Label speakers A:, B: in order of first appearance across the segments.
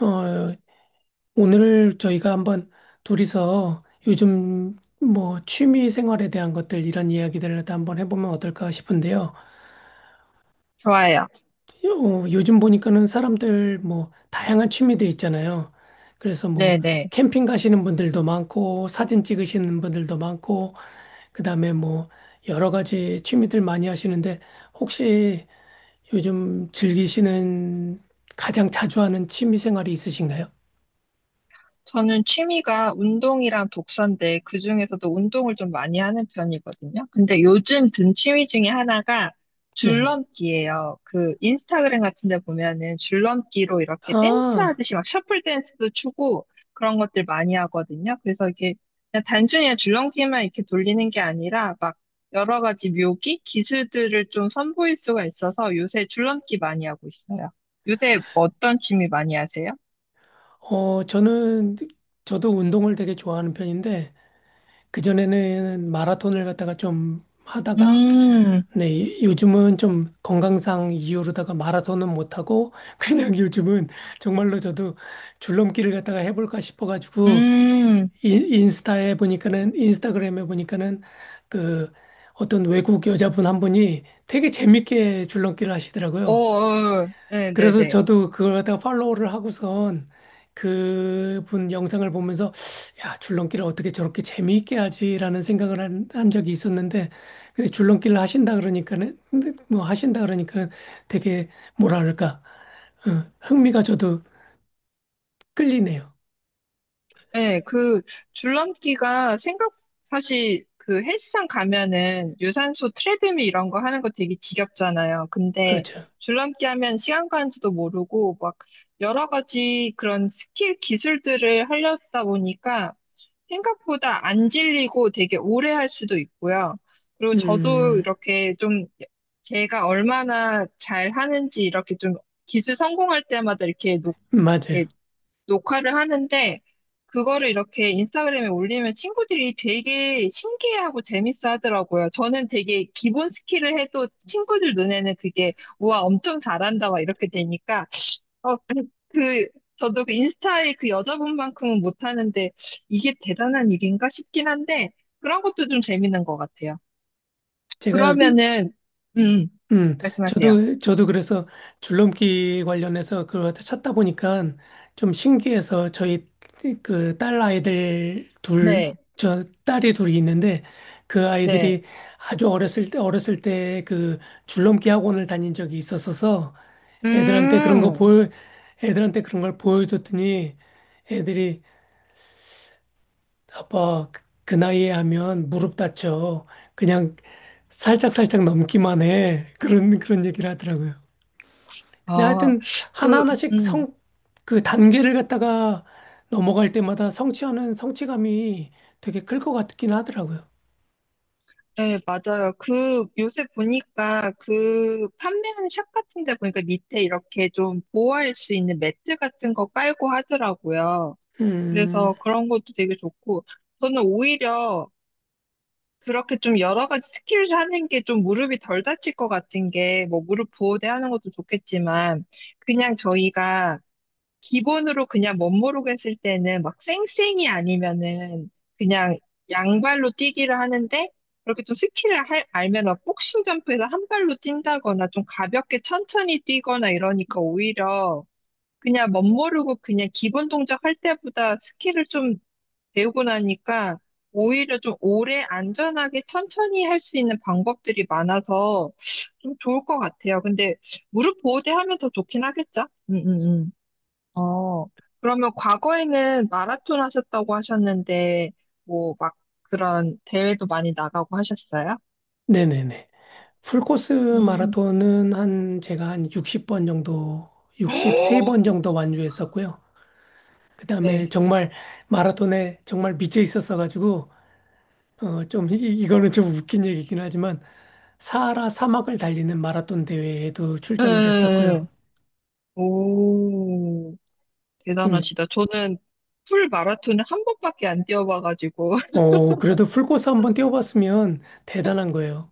A: 어, 오늘 저희가 한번 둘이서 요즘 뭐 취미 생활에 대한 것들 이런 이야기들을 다 한번 해보면 어떨까 싶은데요.
B: 좋아요.
A: 요즘 보니까는 사람들 뭐 다양한 취미들 있잖아요. 그래서 뭐 캠핑 가시는 분들도 많고 사진 찍으시는 분들도 많고 그다음에 뭐 여러 가지 취미들 많이 하시는데 혹시 요즘 즐기시는 가장 자주 하는 취미 생활이 있으신가요?
B: 저는 취미가 운동이랑 독서인데 그중에서도 운동을 좀 많이 하는 편이거든요. 근데 요즘 든 취미 중에 하나가
A: 네네.
B: 줄넘기예요. 그 인스타그램 같은 데 보면은 줄넘기로 이렇게 댄스
A: 아.
B: 하듯이 막 셔플 댄스도 추고 그런 것들 많이 하거든요. 그래서 이게 그냥 단순히 줄넘기만 이렇게 돌리는 게 아니라 막 여러 가지 묘기, 기술들을 좀 선보일 수가 있어서 요새 줄넘기 많이 하고 있어요. 요새 어떤 취미 많이 하세요?
A: 어, 저는, 저도 운동을 되게 좋아하는 편인데, 그전에는 마라톤을 갖다가 좀 하다가,
B: 음,
A: 네, 요즘은 좀 건강상 이유로다가 마라톤은 못하고, 그냥 요즘은 정말로 저도 줄넘기를 갖다가 해볼까 싶어가지고,
B: 음,
A: 인스타그램에 보니까는, 그, 어떤 외국 여자분 한 분이 되게 재밌게 줄넘기를
B: 어,
A: 하시더라고요.
B: 어,
A: 그래서
B: 네네네.
A: 저도 그걸 갖다가 팔로우를 하고선 그분 영상을 보면서 야, 줄넘기를 어떻게 저렇게 재미있게 하지라는 생각을 한 적이 있었는데 근데 줄넘기를 하신다 그러니까는 근데 뭐 하신다 그러니까는 되게 뭐랄까, 흥미가 저도 끌리네요.
B: 네, 그 줄넘기가 생각 사실 그 헬스장 가면은 유산소 트레드밀 이런 거 하는 거 되게 지겹잖아요. 근데
A: 그렇죠.
B: 줄넘기 하면 시간 가는지도 모르고 막 여러 가지 그런 스킬 기술들을 하려다 보니까 생각보다 안 질리고 되게 오래 할 수도 있고요. 그리고 저도
A: 음,
B: 이렇게 좀 제가 얼마나 잘 하는지 이렇게 좀 기술 성공할 때마다 이렇게
A: 맞아요.
B: 녹화를 하는데 그거를 이렇게 인스타그램에 올리면 친구들이 되게 신기해하고 재밌어 하더라고요. 저는 되게 기본 스킬을 해도 친구들 눈에는 그게 우와 엄청 잘한다 막 이렇게 되니까 어, 그 저도 그 인스타에 그 여자분만큼은 못하는데 이게 대단한 일인가 싶긴 한데 그런 것도 좀 재밌는 것 같아요.
A: 제가 그
B: 그러면은 음
A: 음,
B: 말씀하세요.
A: 저도 그래서 줄넘기 관련해서 그걸 찾다 보니까 좀 신기해서 저희 그
B: 네,
A: 저 딸이 둘이 있는데 그 아이들이
B: 네.
A: 아주 어렸을 때 그 줄넘기 학원을 다닌 적이 있었어서 애들한테 그런 거
B: 음,
A: 보여, 애들한테 그런 걸 보여줬더니 애들이 아빠 그그 나이에 하면 무릎 다쳐. 그냥 살짝살짝 넘기만 해. 그런 얘기를 하더라고요. 근데
B: 아,
A: 하여튼
B: 그,
A: 하나하나씩
B: 음.
A: 성, 그 단계를 갖다가 넘어갈 때마다 성취하는 성취감이 되게 클 것 같긴 하더라고요.
B: 네, 맞아요. 그, 요새 보니까 그 판매하는 샵 같은 데 보니까 밑에 이렇게 좀 보호할 수 있는 매트 같은 거 깔고 하더라고요.
A: 음,
B: 그래서 그런 것도 되게 좋고, 저는 오히려 그렇게 좀 여러 가지 스킬을 하는 게 좀 무릎이 덜 다칠 것 같은 게, 뭐 무릎 보호대 하는 것도 좋겠지만, 그냥 저희가 기본으로 그냥 멋모르고 했을 때는 막 쌩쌩이 아니면은 그냥 양발로 뛰기를 하는데 그렇게 좀 알면 막 복싱 점프에서 한 발로 뛴다거나 좀 가볍게 천천히 뛰거나 이러니까 오히려 그냥 멋모르고 그냥 기본 동작 할 때보다 스킬을 좀 배우고 나니까 오히려 좀 오래 안전하게 천천히 할 수 있는 방법들이 많아서 좀 좋을 것 같아요. 근데 무릎 보호대 하면 더 좋긴 하겠죠? 어, 그러면 과거에는 마라톤 하셨다고 하셨는데, 뭐, 막 그런 대회도 많이 나가고 하셨어요?
A: 네네네. 풀코스
B: 음,
A: 마라톤은 제가 한 60번 정도,
B: 네.
A: 63번 정도 완주했었고요. 그 다음에
B: 네.
A: 정말 마라톤에 정말 미쳐 있었어가지고, 좀, 이거는 좀 웃긴 얘기긴 하지만, 사하라 사막을 달리는 마라톤 대회에도 출전을
B: 네.
A: 했었고요.
B: 오,
A: 음.
B: 대단하시다. 저는 풀 마라톤을 한 번밖에 안 뛰어봐가지고,
A: 그래도 풀코스 한번 뛰어봤으면 대단한 거예요.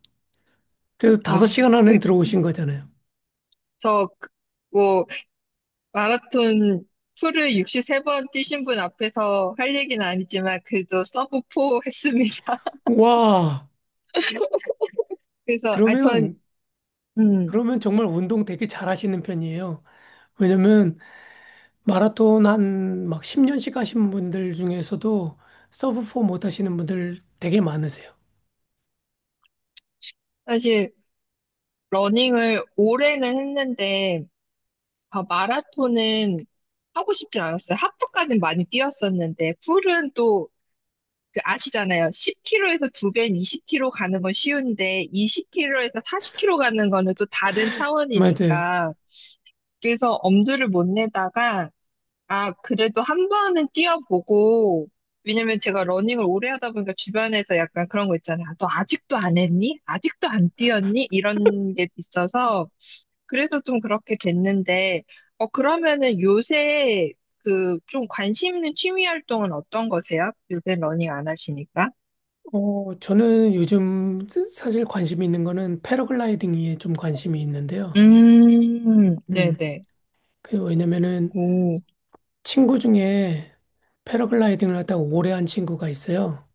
A: 그래도
B: 아,
A: 5시간
B: 그-
A: 안에 들어오신 거잖아요.
B: 저, 그- 뭐, 마라톤 풀을 63번 뛰신 분 앞에서 할 얘기는 아니지만, 그래도 서브 4 했습니다.
A: 와,
B: 그래서,
A: 그러면,
B: 음,
A: 그러면 정말 운동 되게 잘하시는 편이에요. 왜냐면 마라톤 한 막 10년씩 하신 분들 중에서도 서브4 못 하시는 분들 되게 많으세요.
B: 사실, 러닝을 오래는 했는데, 아, 마라톤은 하고 싶진 않았어요. 하프까지는 많이 뛰었었는데, 풀은 또, 그 아시잖아요. 10km에서 두 배인 20km 가는 건 쉬운데, 20km에서 40km 가는 거는 또 다른
A: 맞아요.
B: 차원이니까. 그래서 엄두를 못 내다가, 아, 그래도 한 번은 뛰어보고, 왜냐면 제가 러닝을 오래 하다 보니까 주변에서 약간 그런 거 있잖아요. 아, 너 아직도 안 했니? 아직도 안 뛰었니? 이런 게 있어서, 그래서 좀 그렇게 됐는데, 어, 그러면은 요새 그 좀 관심 있는 취미 활동은 어떤 거세요? 요새 러닝 안 하시니까?
A: 저는 요즘 사실 관심 있는 거는 패러글라이딩에 좀 관심이 있는데요. 음,
B: 네네.
A: 그 왜냐면은
B: 오,
A: 친구 중에 패러글라이딩을 하다가 오래 한 친구가 있어요.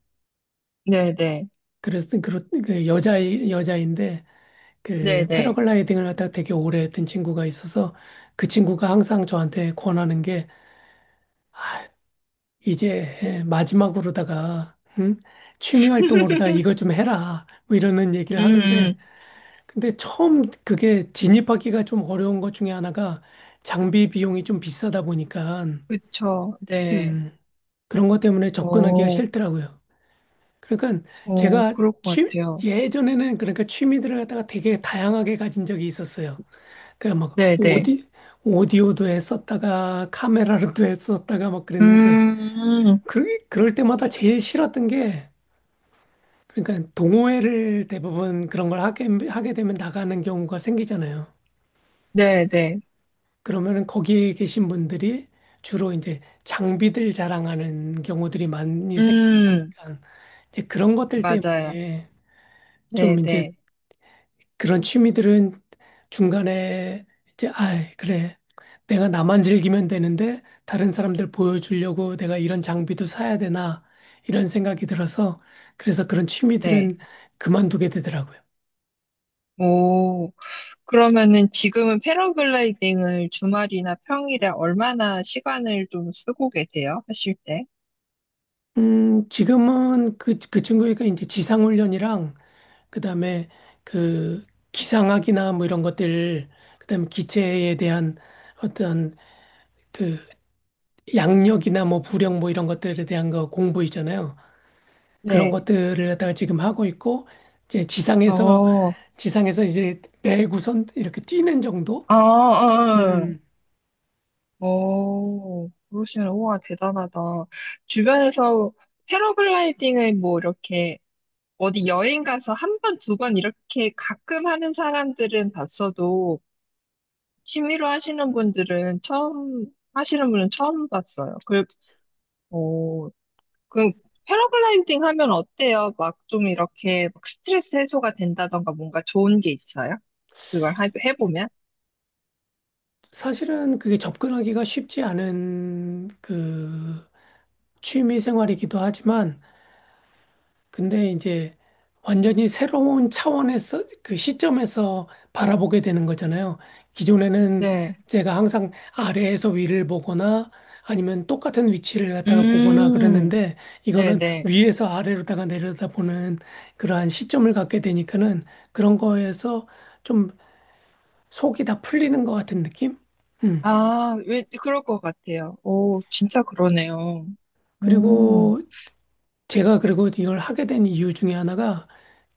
B: 네네.
A: 그래서 그 여자인데 그
B: 네네.
A: 패러글라이딩을 하다가 되게 오래 했던 친구가 있어서 그 친구가 항상 저한테 권하는 게 이제 마지막으로다가, 응? 취미 활동으로다가 이거 좀 해라 뭐 이러는
B: 음,
A: 얘기를 하는데
B: 음,
A: 근데 처음 그게 진입하기가 좀 어려운 것 중에 하나가 장비 비용이 좀 비싸다 보니까
B: 그쵸. 네.
A: 음, 그런 것 때문에 접근하기가
B: 오,
A: 싫더라고요. 그러니까
B: 오,
A: 제가
B: 그럴 것
A: 취,
B: 같아요.
A: 예전에는 그러니까 취미들을 갖다가 되게 다양하게 가진 적이 있었어요. 그러니까 막
B: 네네.
A: 오디오도 했었다가 카메라로도 했었다가 막 그랬는데
B: 음,
A: 그럴 때마다 제일 싫었던 게, 그러니까 동호회를 대부분 그런 걸 하게 되면 나가는 경우가 생기잖아요.
B: 네네.
A: 그러면은 거기에 계신 분들이 주로 이제 장비들 자랑하는 경우들이 많이 생기다
B: 음,
A: 보니까 이제 그런 것들
B: 맞아요.
A: 때문에 좀 이제
B: 네네.
A: 그런 취미들은 중간에 이제, 아, 그래. 내가 나만 즐기면 되는데 다른 사람들 보여주려고 내가 이런 장비도 사야 되나 이런 생각이 들어서 그래서 그런
B: 네.
A: 취미들은 그만두게 되더라고요.
B: 오. 그러면은 지금은 패러글라이딩을 주말이나 평일에 얼마나 시간을 좀 쓰고 계세요? 하실 때?
A: 지금은 그 친구가 이제 지상훈련이랑 그다음에 그 기상학이나 뭐 이런 것들 그다음에 기체에 대한 어떤 그 양력이나 뭐 부력 뭐 이런 것들에 대한 거 공부 있잖아요. 그런
B: 네.
A: 것들을 갖다가 지금 하고 있고 이제 지상에서
B: 어,
A: 지상에서 이제 매구선 이렇게 뛰는 정도?
B: 아, 아, 아.
A: 음,
B: 어, 그러시면, 우와, 대단하다. 주변에서 패러글라이딩을 뭐 이렇게 어디 여행 가서 한 번, 두 번 이렇게 가끔 하는 사람들은 봤어도 취미로 하시는 분들은 처음, 하시는 분은 처음 봤어요. 어, 그 패러글라이딩 하면 어때요? 막 좀 이렇게 막 스트레스 해소가 된다던가 뭔가 좋은 게 있어요? 해보면?
A: 사실은 그게 접근하기가 쉽지 않은 그 취미 생활이기도 하지만 근데 이제 완전히 새로운 차원에서 그 시점에서 바라보게 되는 거잖아요. 기존에는
B: 네.
A: 제가 항상 아래에서 위를 보거나 아니면 똑같은 위치를 갖다가 보거나
B: 음,
A: 그랬는데 이거는
B: 네네.
A: 위에서 아래로다가 내려다보는 그러한 시점을 갖게 되니까는 그런 거에서 좀 속이 다 풀리는 것 같은 느낌? 음.
B: 아, 왜, 그럴 것 같아요. 오, 진짜 그러네요. 음,
A: 그리고 제가 그리고 이걸 하게 된 이유 중에 하나가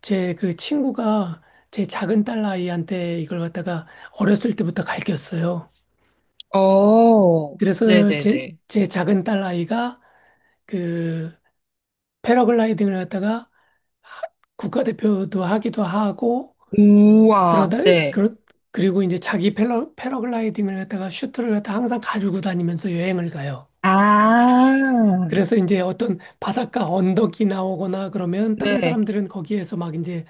A: 제 그 친구가 제 작은 딸 아이한테 이걸 갖다가 어렸을 때부터 가르쳤어요.
B: 어,
A: 그래서 제,
B: 네네네.
A: 제 작은 딸 아이가 그 패러글라이딩을 갖다가 하- 국가대표도 하기도 하고
B: 우와,
A: 그러다
B: 네.
A: 그러, 그리고 이제 자기 패러, 패러글라이딩을 갖다가 슈트를 갖다 항상 가지고 다니면서 여행을 가요.
B: 아,
A: 그래서 이제 어떤 바닷가 언덕이 나오거나 그러면 다른
B: 네.
A: 사람들은 거기에서 막 이제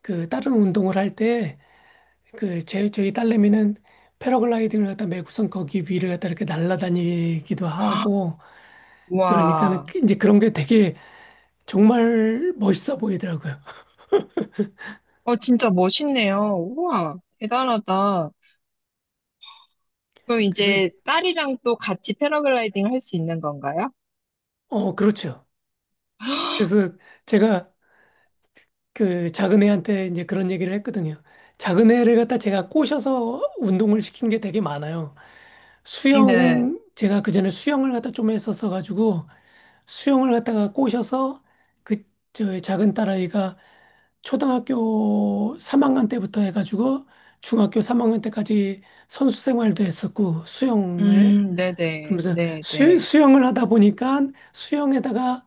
A: 그 다른 운동을 할 때 그 제 저희 딸내미는 패러글라이딩을 갖다 매구선 거기 위를 갖다 이렇게 날아다니기도 하고 그러니까는
B: 우와.
A: 이제 그런 게 되게 정말 멋있어 보이더라고요.
B: 어, 진짜 멋있네요. 우와, 대단하다. 그럼
A: 그래서,
B: 이제 딸이랑 또 같이 패러글라이딩 할 수 있는 건가요?
A: 그렇죠. 그래서 제가 그 작은 애한테 이제 그런 얘기를 했거든요. 작은 애를 갖다 제가 꼬셔서 운동을 시킨 게 되게 많아요.
B: 네.
A: 수영, 제가 그전에 수영을 갖다 좀 했었어가지고, 수영을 갖다가 꼬셔서 그, 저 작은 딸아이가 초등학교 3학년 때부터 해가지고 중학교 3학년 때까지 선수 생활도 했었고 수영을.
B: 네네.
A: 그러면서 수,
B: 네네.
A: 수영을 하다 보니까 수영에다가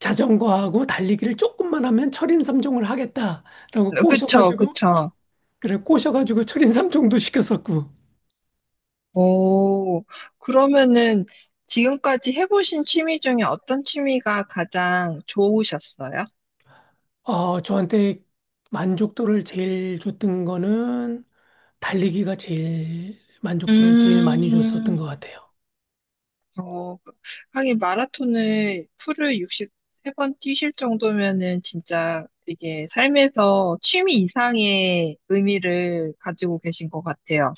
A: 자전거하고 달리기를 조금만 하면 철인 삼종을 하겠다라고
B: 그쵸,
A: 꼬셔가지고
B: 그쵸.
A: 그래 꼬셔가지고 철인 삼종도 시켰었고,
B: 오, 그러면은 지금까지 해보신 취미 중에 어떤 취미가 가장 좋으셨어요?
A: 저한테 만족도를 제일 줬던 거는 달리기가 제일 만족도를 제일 많이 줬었던
B: 음,
A: 것 같아요.
B: 어, 하긴 마라톤을 풀을 63번 뛰실 정도면은 진짜 되게 삶에서 취미 이상의 의미를 가지고 계신 것 같아요.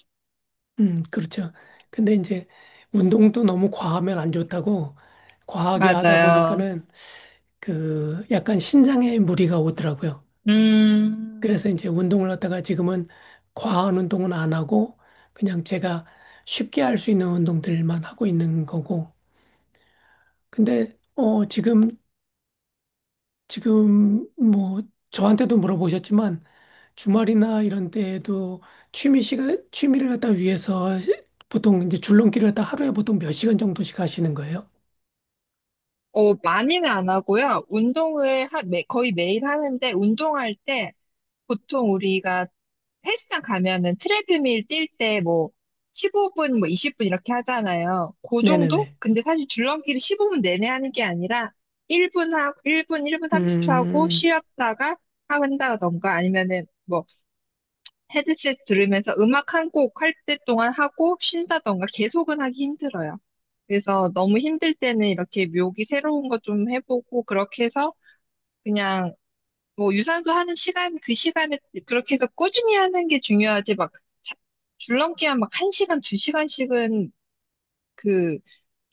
A: 음, 그렇죠. 근데 이제 운동도 너무 과하면 안 좋다고 과하게 하다
B: 맞아요.
A: 보니까는 그 약간 신장에 무리가 오더라고요.
B: 음,
A: 그래서 이제 운동을 갖다가 지금은 과한 운동은 안 하고 그냥 제가 쉽게 할 수 있는 운동들만 하고 있는 거고. 근데 지금 뭐 저한테도 물어보셨지만 주말이나 이런 때에도 취미 시간 취미를 갖다 위해서 보통 이제 줄넘기를 갖다 하루에 보통 몇 시간 정도씩 하시는 거예요?
B: 어, 많이는 안 하고요. 거의 매일 하는데, 운동할 때, 보통 우리가 헬스장 가면은 트레드밀 뛸 때 뭐, 15분, 뭐 20분 이렇게 하잖아요. 그 정도?
A: 네네네.
B: 근데 사실 줄넘기를 15분 내내 하는 게 아니라, 1분 하고, 1분, 1분 30초 하고,
A: 음.
B: 쉬었다가 한다던가, 아니면은 뭐, 헤드셋 들으면서 음악 한 곡 할 때 동안 하고 쉰다던가 계속은 하기 힘들어요. 그래서 너무 힘들 때는 이렇게 묘기 새로운 거 좀 해보고 그렇게 해서 그냥 뭐 유산소 하는 시간 그 시간에 그렇게 해서 꾸준히 하는 게 중요하지 자- 줄넘기한 막 한시간두시간씩은그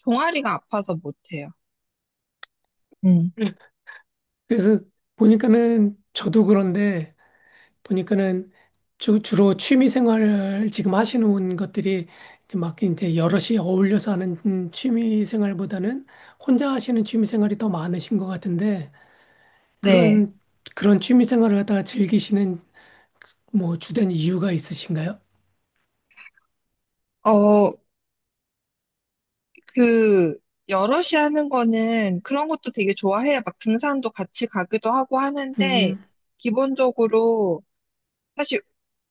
B: 종아리가 아파서 못해요. 음.
A: 그래서 보니까는 저도 그런데 보니까는 주로 취미 생활을 지금 하시는 것들이 이제 막 이제 여럿이 어울려서 하는 취미 생활보다는 혼자 하시는 취미 생활이 더 많으신 것 같은데
B: 네.
A: 그런 그런 취미 생활을 갖다가 즐기시는 뭐 주된 이유가 있으신가요?
B: 어, 그, 여럿이 하는 거는 그런 것도 되게 좋아해요. 막 등산도 같이 가기도 하고 하는데,
A: 음,
B: 기본적으로 사실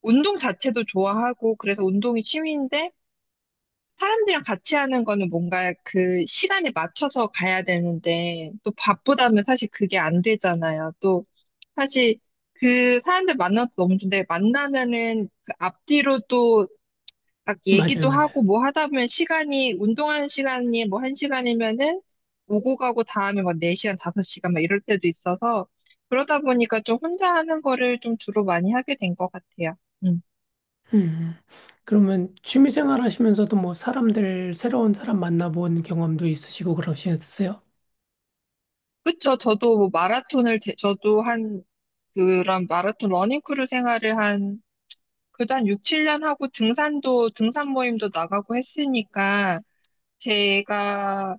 B: 운동 자체도 좋아하고, 그래서 운동이 취미인데, 사람들이랑 같이 하는 거는 뭔가 그 시간에 맞춰서 가야 되는데, 또 바쁘다면 사실 그게 안 되잖아요. 또, 사실 그 사람들 만나도 너무 좋은데, 만나면은 그 앞뒤로 막
A: 맞아요,
B: 얘기도
A: 맞아요.
B: 하고 뭐 하다 보면 시간이, 운동하는 시간이 뭐 한 시간이면은 오고 가고 다음에 막 4시간, 5시간 막 이럴 때도 있어서 그러다 보니까 좀 혼자 하는 거를 좀 주로 많이 하게 된 것 같아요. 음.
A: 음, 음. 그러면 취미 생활 하시면서도 뭐 사람들 새로운 사람 만나본 경험도 있으시고 그러시겠어요?
B: 그쵸. 저도 한 그런 마라톤 러닝크루 생활을 한, 그도 한 6, 7년 하고 등산도, 등산 모임도 나가고 했으니까 제가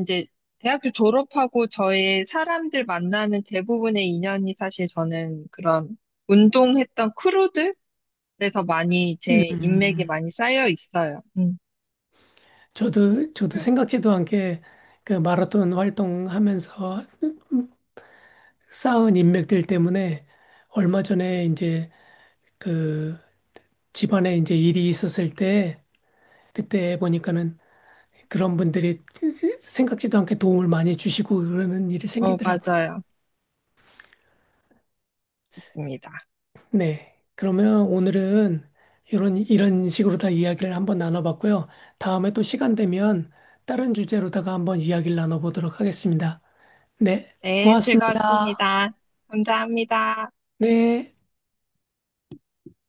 B: 이제 대학교 졸업하고 저의 사람들 만나는 대부분의 인연이 사실 저는 그런 운동했던 크루들에서 많이
A: 음.
B: 제 인맥이 많이 쌓여 있어요.
A: 저도
B: 네.
A: 생각지도 않게 그 마라톤 활동하면서 쌓은 인맥들 때문에 얼마 전에 이제 그 집안에 이제 일이 있었을 때 그때 보니까는 그런 분들이 생각지도 않게 도움을 많이 주시고 그러는 일이
B: 어,
A: 생기더라고요.
B: 맞아요. 좋습니다.
A: 네. 그러면 오늘은 이런 식으로 다 이야기를 한번 나눠봤고요. 다음에 또 시간 되면 다른 주제로다가 한번 이야기를 나눠보도록 하겠습니다. 네.
B: 네,
A: 고맙습니다.
B: 즐거웠습니다. 감사합니다.
A: 네.